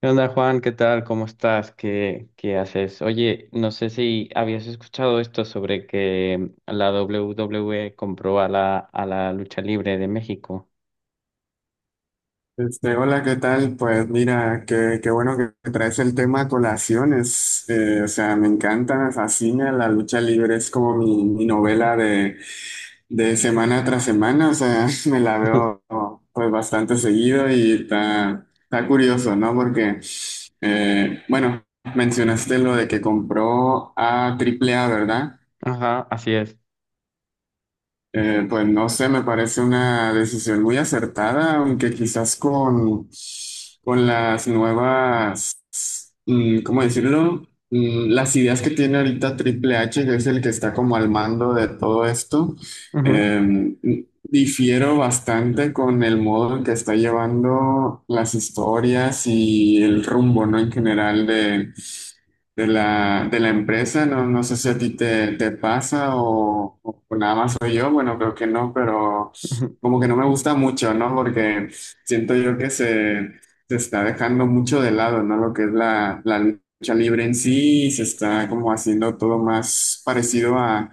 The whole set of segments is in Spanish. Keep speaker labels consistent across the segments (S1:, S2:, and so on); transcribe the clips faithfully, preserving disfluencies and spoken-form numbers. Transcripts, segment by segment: S1: ¿Qué onda, Juan? ¿Qué tal? ¿Cómo estás? ¿Qué, qué haces? Oye, no sé si habías escuchado esto sobre que la W W E compró a la, a la lucha libre de México.
S2: Este, hola, ¿qué tal? Pues mira, qué, qué bueno que traes el tema a colaciones. Eh, o sea, me encanta, me fascina. La lucha libre es como mi, mi novela de, de semana tras semana. O sea, me la veo pues bastante seguido y está, está curioso, ¿no? Porque, eh, bueno, mencionaste lo de que compró a Triple A, ¿verdad?
S1: Ajá, así es.
S2: Eh, pues no sé, me parece una decisión muy acertada, aunque quizás con, con las nuevas mm, ¿cómo decirlo? Mm, las ideas que tiene ahorita Triple H, que es el que está como al mando de todo esto,
S1: Ujú,
S2: em, difiero bastante con el modo en que está llevando las historias y el rumbo, ¿no? En general de, de la, de la empresa. No, no sé si a ti te, te pasa o, o nada más soy yo. Bueno, creo que no, pero
S1: ujú.
S2: como que no me gusta mucho, ¿no? Porque siento yo que se se está dejando mucho de lado, ¿no? Lo que es la, la lucha libre en sí, y se está como haciendo todo más parecido a,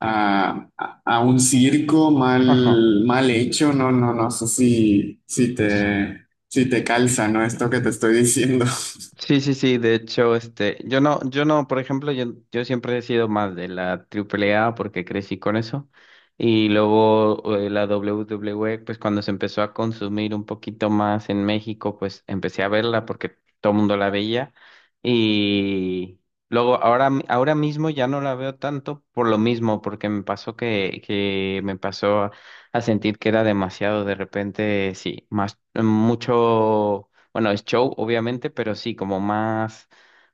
S2: a, a- a un circo
S1: Ajá.
S2: mal, mal hecho. No, no, no sé si, si te, si te calza, ¿no? Esto que te estoy diciendo.
S1: Sí, sí, sí, de hecho, este, yo no, yo no, por ejemplo, yo, yo siempre he sido más de la triple A porque crecí con eso. Y luego eh, la W W E, pues cuando se empezó a consumir un poquito más en México, pues empecé a verla porque todo el mundo la veía. Y luego ahora, mi- ahora mismo ya no la veo tanto por lo mismo, porque me pasó que, que me pasó a sentir que era demasiado de repente, sí, más, mucho. Bueno, es show, obviamente, pero sí, como más,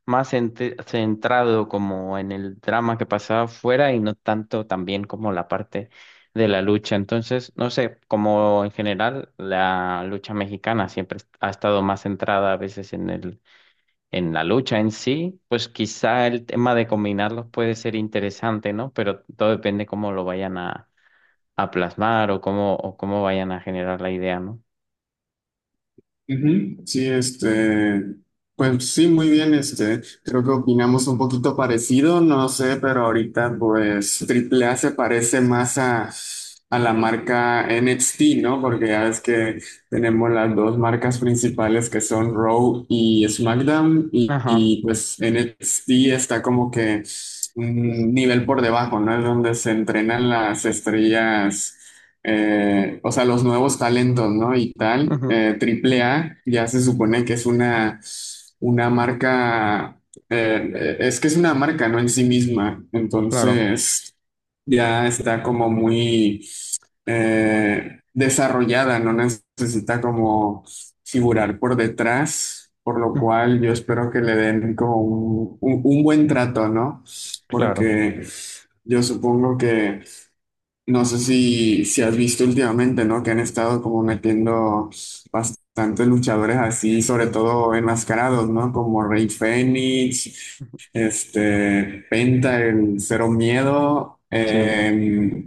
S1: más ente- centrado como en el drama que pasaba afuera y no tanto también como la parte de la lucha. Entonces, no sé, como en general la lucha mexicana siempre est- ha estado más centrada a veces en el, en la lucha en sí, pues quizá el tema de combinarlos puede ser interesante, ¿no? Pero todo depende cómo lo vayan a, a plasmar o cómo, o cómo vayan a generar la idea, ¿no?
S2: Ujú. Sí, este, pues sí, muy bien, este, creo que opinamos un poquito parecido, no sé, pero ahorita pues Triple A se parece más a, a la marca N X T, ¿no? Porque ya ves que tenemos las dos marcas principales que son Raw y SmackDown y,
S1: Ajá,
S2: y, pues N X T está como que un nivel por debajo, ¿no? Es donde se entrenan las estrellas eh, o sea, los nuevos talentos, ¿no? Y tal.
S1: ujú,
S2: Eh, Triple A ya se supone que es una, una marca, eh, eh, es que es una marca, ¿no? En sí misma.
S1: claro,
S2: Entonces, ya está como muy eh, desarrollada, no necesita como figurar por detrás, por lo
S1: ujú,
S2: cual yo espero que le den como un, un- un buen trato, ¿no?
S1: claro.
S2: Porque yo supongo que no sé si, si has visto últimamente, ¿no? Que han estado como metiendo bastantes luchadores así, sobre todo enmascarados, ¿no? Como Rey Fénix, este, Penta, el Cero Miedo.
S1: Sí,
S2: eh,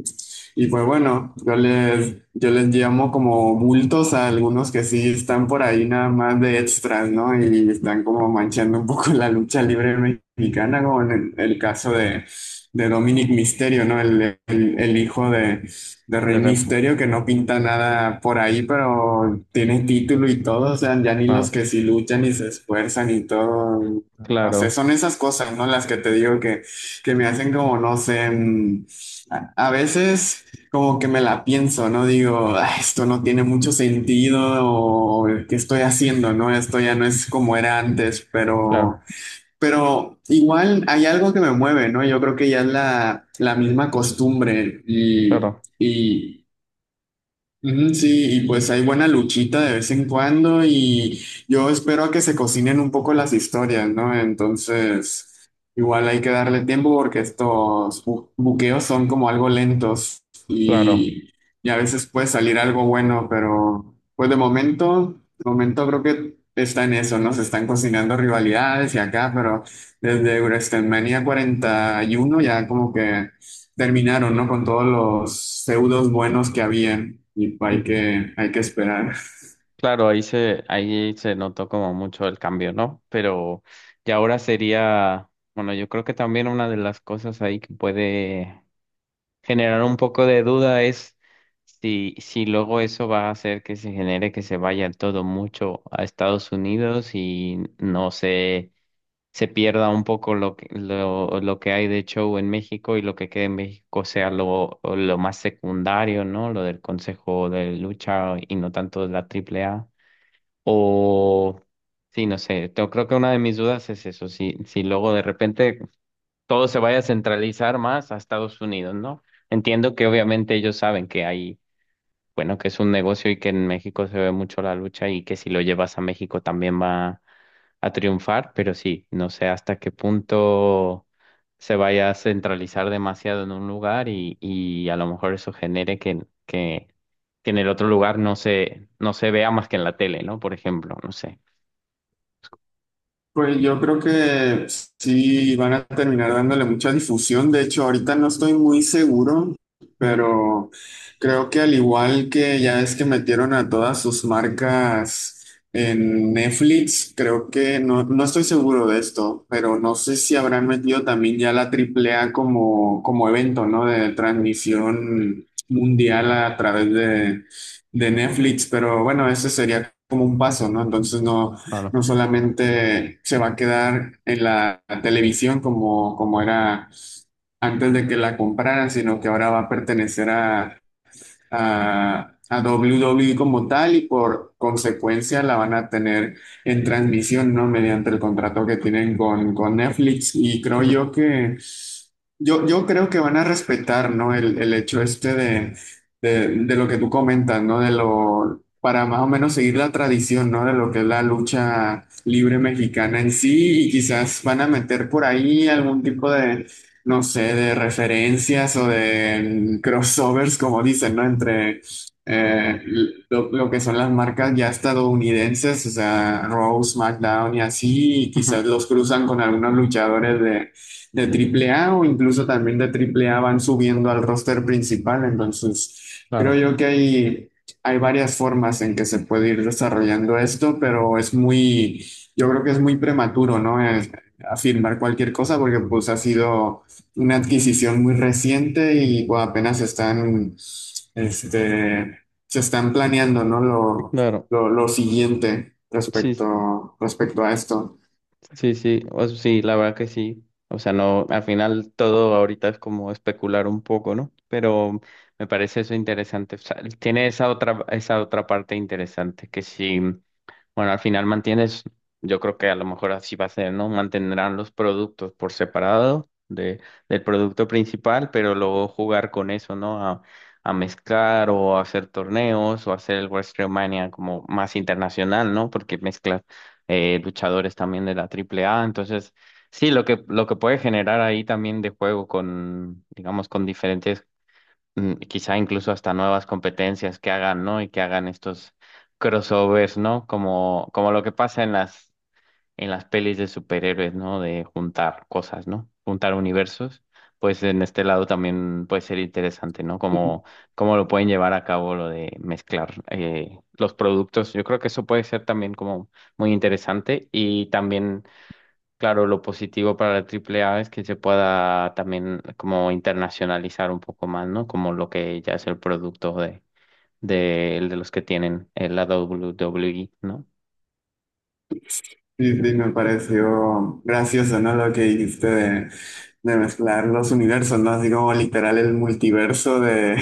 S2: Y pues bueno, yo les, yo les llamo como bultos a algunos que sí están por ahí nada más de extras, ¿no? Y están como manchando un poco la lucha libre mexicana, como en el el caso de de Dominic Mysterio, ¿no? El, el- el hijo de, de
S1: de
S2: Rey
S1: rep,
S2: Mysterio que no pinta nada por ahí, pero tiene título y todo, o sea, ya ni los
S1: claro,
S2: que sí luchan y se esfuerzan y todo, no sé,
S1: claro,
S2: son esas cosas, ¿no? Las que te digo que, que me hacen como, no sé, mm, a a veces como que me la pienso, ¿no? Digo, "Ah, esto no tiene mucho sentido, o qué estoy haciendo, ¿no? Esto ya no es como era antes,
S1: claro,
S2: pero pero igual hay algo que me mueve, ¿no? Yo creo que ya es la, la misma costumbre y,
S1: claro,
S2: y Ujú. Sí, y pues hay buena luchita de vez en cuando y yo espero a que se cocinen un poco las historias, ¿no? Entonces, igual hay que darle tiempo porque estos bu- buqueos son como algo lentos
S1: claro.
S2: y, y a veces puede salir algo bueno, pero pues de momento, de momento creo que está en eso, ¿no? Se están cocinando rivalidades y acá, pero desde WrestleMania cuarenta y uno ya como que terminaron, ¿no? Con todos los feudos buenos que había y hay
S1: Mm,
S2: que, hay que esperar.
S1: Claro, ahí se, ahí se notó como mucho el cambio, ¿no? Pero ya ahora sería, bueno, yo creo que también una de las cosas ahí que puede generar un poco de duda es si, si luego eso va a hacer que se genere que se vaya todo mucho a Estados Unidos y no sé, se pierda un poco lo que, lo, lo que hay de show en México y lo que quede en México sea lo, lo más secundario, ¿no? Lo del Consejo de Lucha y no tanto de la Triple A. O, sí, no sé, yo creo que una de mis dudas es eso, si, si luego de repente todo se vaya a centralizar más a Estados Unidos, ¿no? Entiendo que obviamente ellos saben que hay, bueno, que es un negocio y que en México se ve mucho la lucha y que si lo llevas a México también va a triunfar, pero sí, no sé hasta qué punto se vaya a centralizar demasiado en un lugar y, y a lo mejor eso genere que, que, que en el otro lugar no se, no se vea más que en la tele, ¿no? Por ejemplo, no sé.
S2: Pues yo creo que sí van a terminar dándole mucha difusión. De hecho, ahorita no estoy muy seguro,
S1: Ujú,
S2: pero creo que al igual que ya es que metieron a todas sus marcas en Netflix, creo que no, no estoy seguro de esto, pero no sé si habrán metido también ya la Triple A como, como evento, ¿no? De transmisión mundial a través de, de Netflix, pero bueno, ese sería como un paso, ¿no? Entonces no
S1: claro,
S2: no solamente se va a quedar en la televisión como, como era antes de que la compraran, sino que ahora va a pertenecer a, a, a doble u doble u e como tal y por consecuencia la van a tener en transmisión, ¿no? Mediante el contrato que tienen con, con Netflix y creo
S1: ujú,
S2: yo que yo, yo creo que van a respetar, ¿no? El, el hecho este de, de, de lo que tú comentas, ¿no? De lo, para más o menos seguir la tradición, ¿no? De lo que es la lucha libre mexicana en sí y quizás van a meter por ahí algún tipo de no sé, de referencias o de mm, crossovers, como dicen, ¿no? Entre eh, lo, lo que son las marcas ya estadounidenses, o sea, Raw, SmackDown y así, y
S1: ujú,
S2: quizás los cruzan con algunos luchadores de, de Triple A o incluso también de Triple A van subiendo al roster principal, entonces creo
S1: claro,
S2: yo que hay... Hay varias formas en que se puede ir desarrollando esto, pero es muy, yo creo que es muy prematuro, ¿no? Es- afirmar cualquier cosa porque pues ha sido una adquisición muy reciente y bueno, apenas están, este, se están planeando, ¿no? Lo,
S1: claro.
S2: lo, lo siguiente
S1: Sí,
S2: respecto, respecto a esto.
S1: sí, sí. O sea, sí, la verdad que sí. O sea, no, al final todo ahorita es como especular un poco, ¿no? Pero me parece eso interesante. O sea, tiene esa otra, esa otra parte interesante que sí. Bueno, al final mantienes, yo creo que a lo mejor así va a ser, ¿no? Mantendrán los productos por separado de, del producto principal, pero luego jugar con eso, ¿no? A, a mezclar o hacer torneos o hacer el WrestleMania como más internacional, ¿no? Porque mezclas eh, luchadores también de la Triple A. Entonces, sí, lo que, lo que puede generar ahí también de juego con, digamos, con diferentes mm, quizá incluso hasta nuevas competencias que hagan, ¿no? Y que hagan estos crossovers, ¿no? Como, como lo que pasa en las, en las pelis de superhéroes, ¿no? De juntar cosas, ¿no? Juntar universos. Pues en este lado también puede ser interesante, ¿no? Como, cómo lo pueden llevar a cabo lo de mezclar eh, los productos. Yo creo que eso puede ser también como muy interesante y también claro, lo positivo para la Triple A es que se pueda también como internacionalizar un poco más, ¿no? Como lo que ya es el producto de, de, de los que tienen eh, la W W E, ¿no?
S2: Sí, sí, me pareció gracioso, ¿no? Lo que dijiste de, de mezclar los universos, ¿no? Así como literal el multiverso de,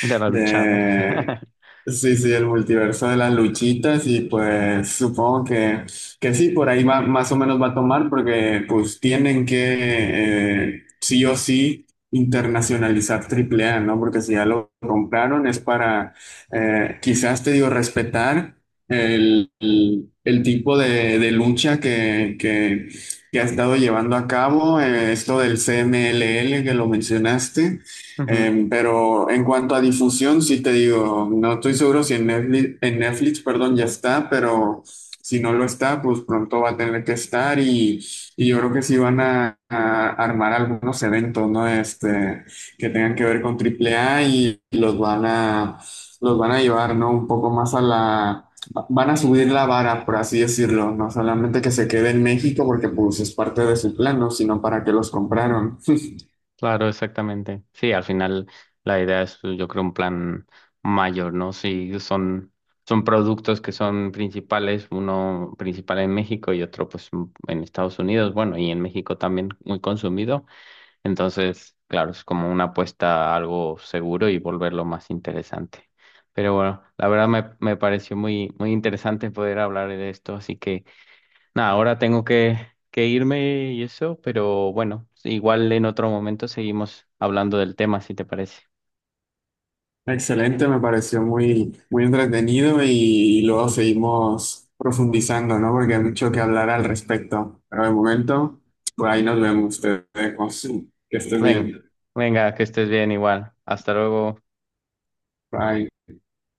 S1: De la lucha, ¿no?
S2: de, sí, sí, el multiverso de las luchitas y pues supongo que, que sí, por ahí va, más o menos va a tomar porque pues tienen que eh, sí o sí internacionalizar Triple A ¿no? Porque si ya lo compraron es para, eh, quizás te digo, respetar el, el- el tipo de, de lucha que, que, que ha estado llevando a cabo, eh, esto del C M L L que lo mencionaste.
S1: Ujú,
S2: Eh, pero en cuanto a difusión, sí te digo, no estoy seguro si en Netflix, en Netflix, perdón, ya está, pero si no lo está, pues pronto va a tener que estar y, y yo creo que sí van a, a armar algunos eventos, ¿no? Este, que tengan que ver con triple A y los van a, los van a llevar, ¿no? Un poco más a la Van a subir la vara, por así decirlo, no solamente que se quede en México porque pues es parte de su plano, sino para que los compraron.
S1: claro, exactamente. Sí, al final la idea es, pues, yo creo, un plan mayor, ¿no? Si son, son productos que son principales, uno principal en México y otro pues m- en Estados Unidos, bueno, y en México también muy consumido. Entonces, claro, es como una apuesta a algo seguro y volverlo más interesante. Pero bueno, la verdad me, me pareció muy, muy interesante poder hablar de esto, así que nada, ahora tengo que, que irme y eso, pero bueno, igual en otro momento seguimos hablando del tema, si te parece.
S2: Excelente, me pareció muy, muy entretenido y, luego seguimos profundizando, ¿no? Porque hay mucho que hablar al respecto. Pero de momento, por ahí nos vemos, te dejo. Que estés
S1: Ven,
S2: bien.
S1: venga, que estés bien igual. Hasta luego.
S2: Bye.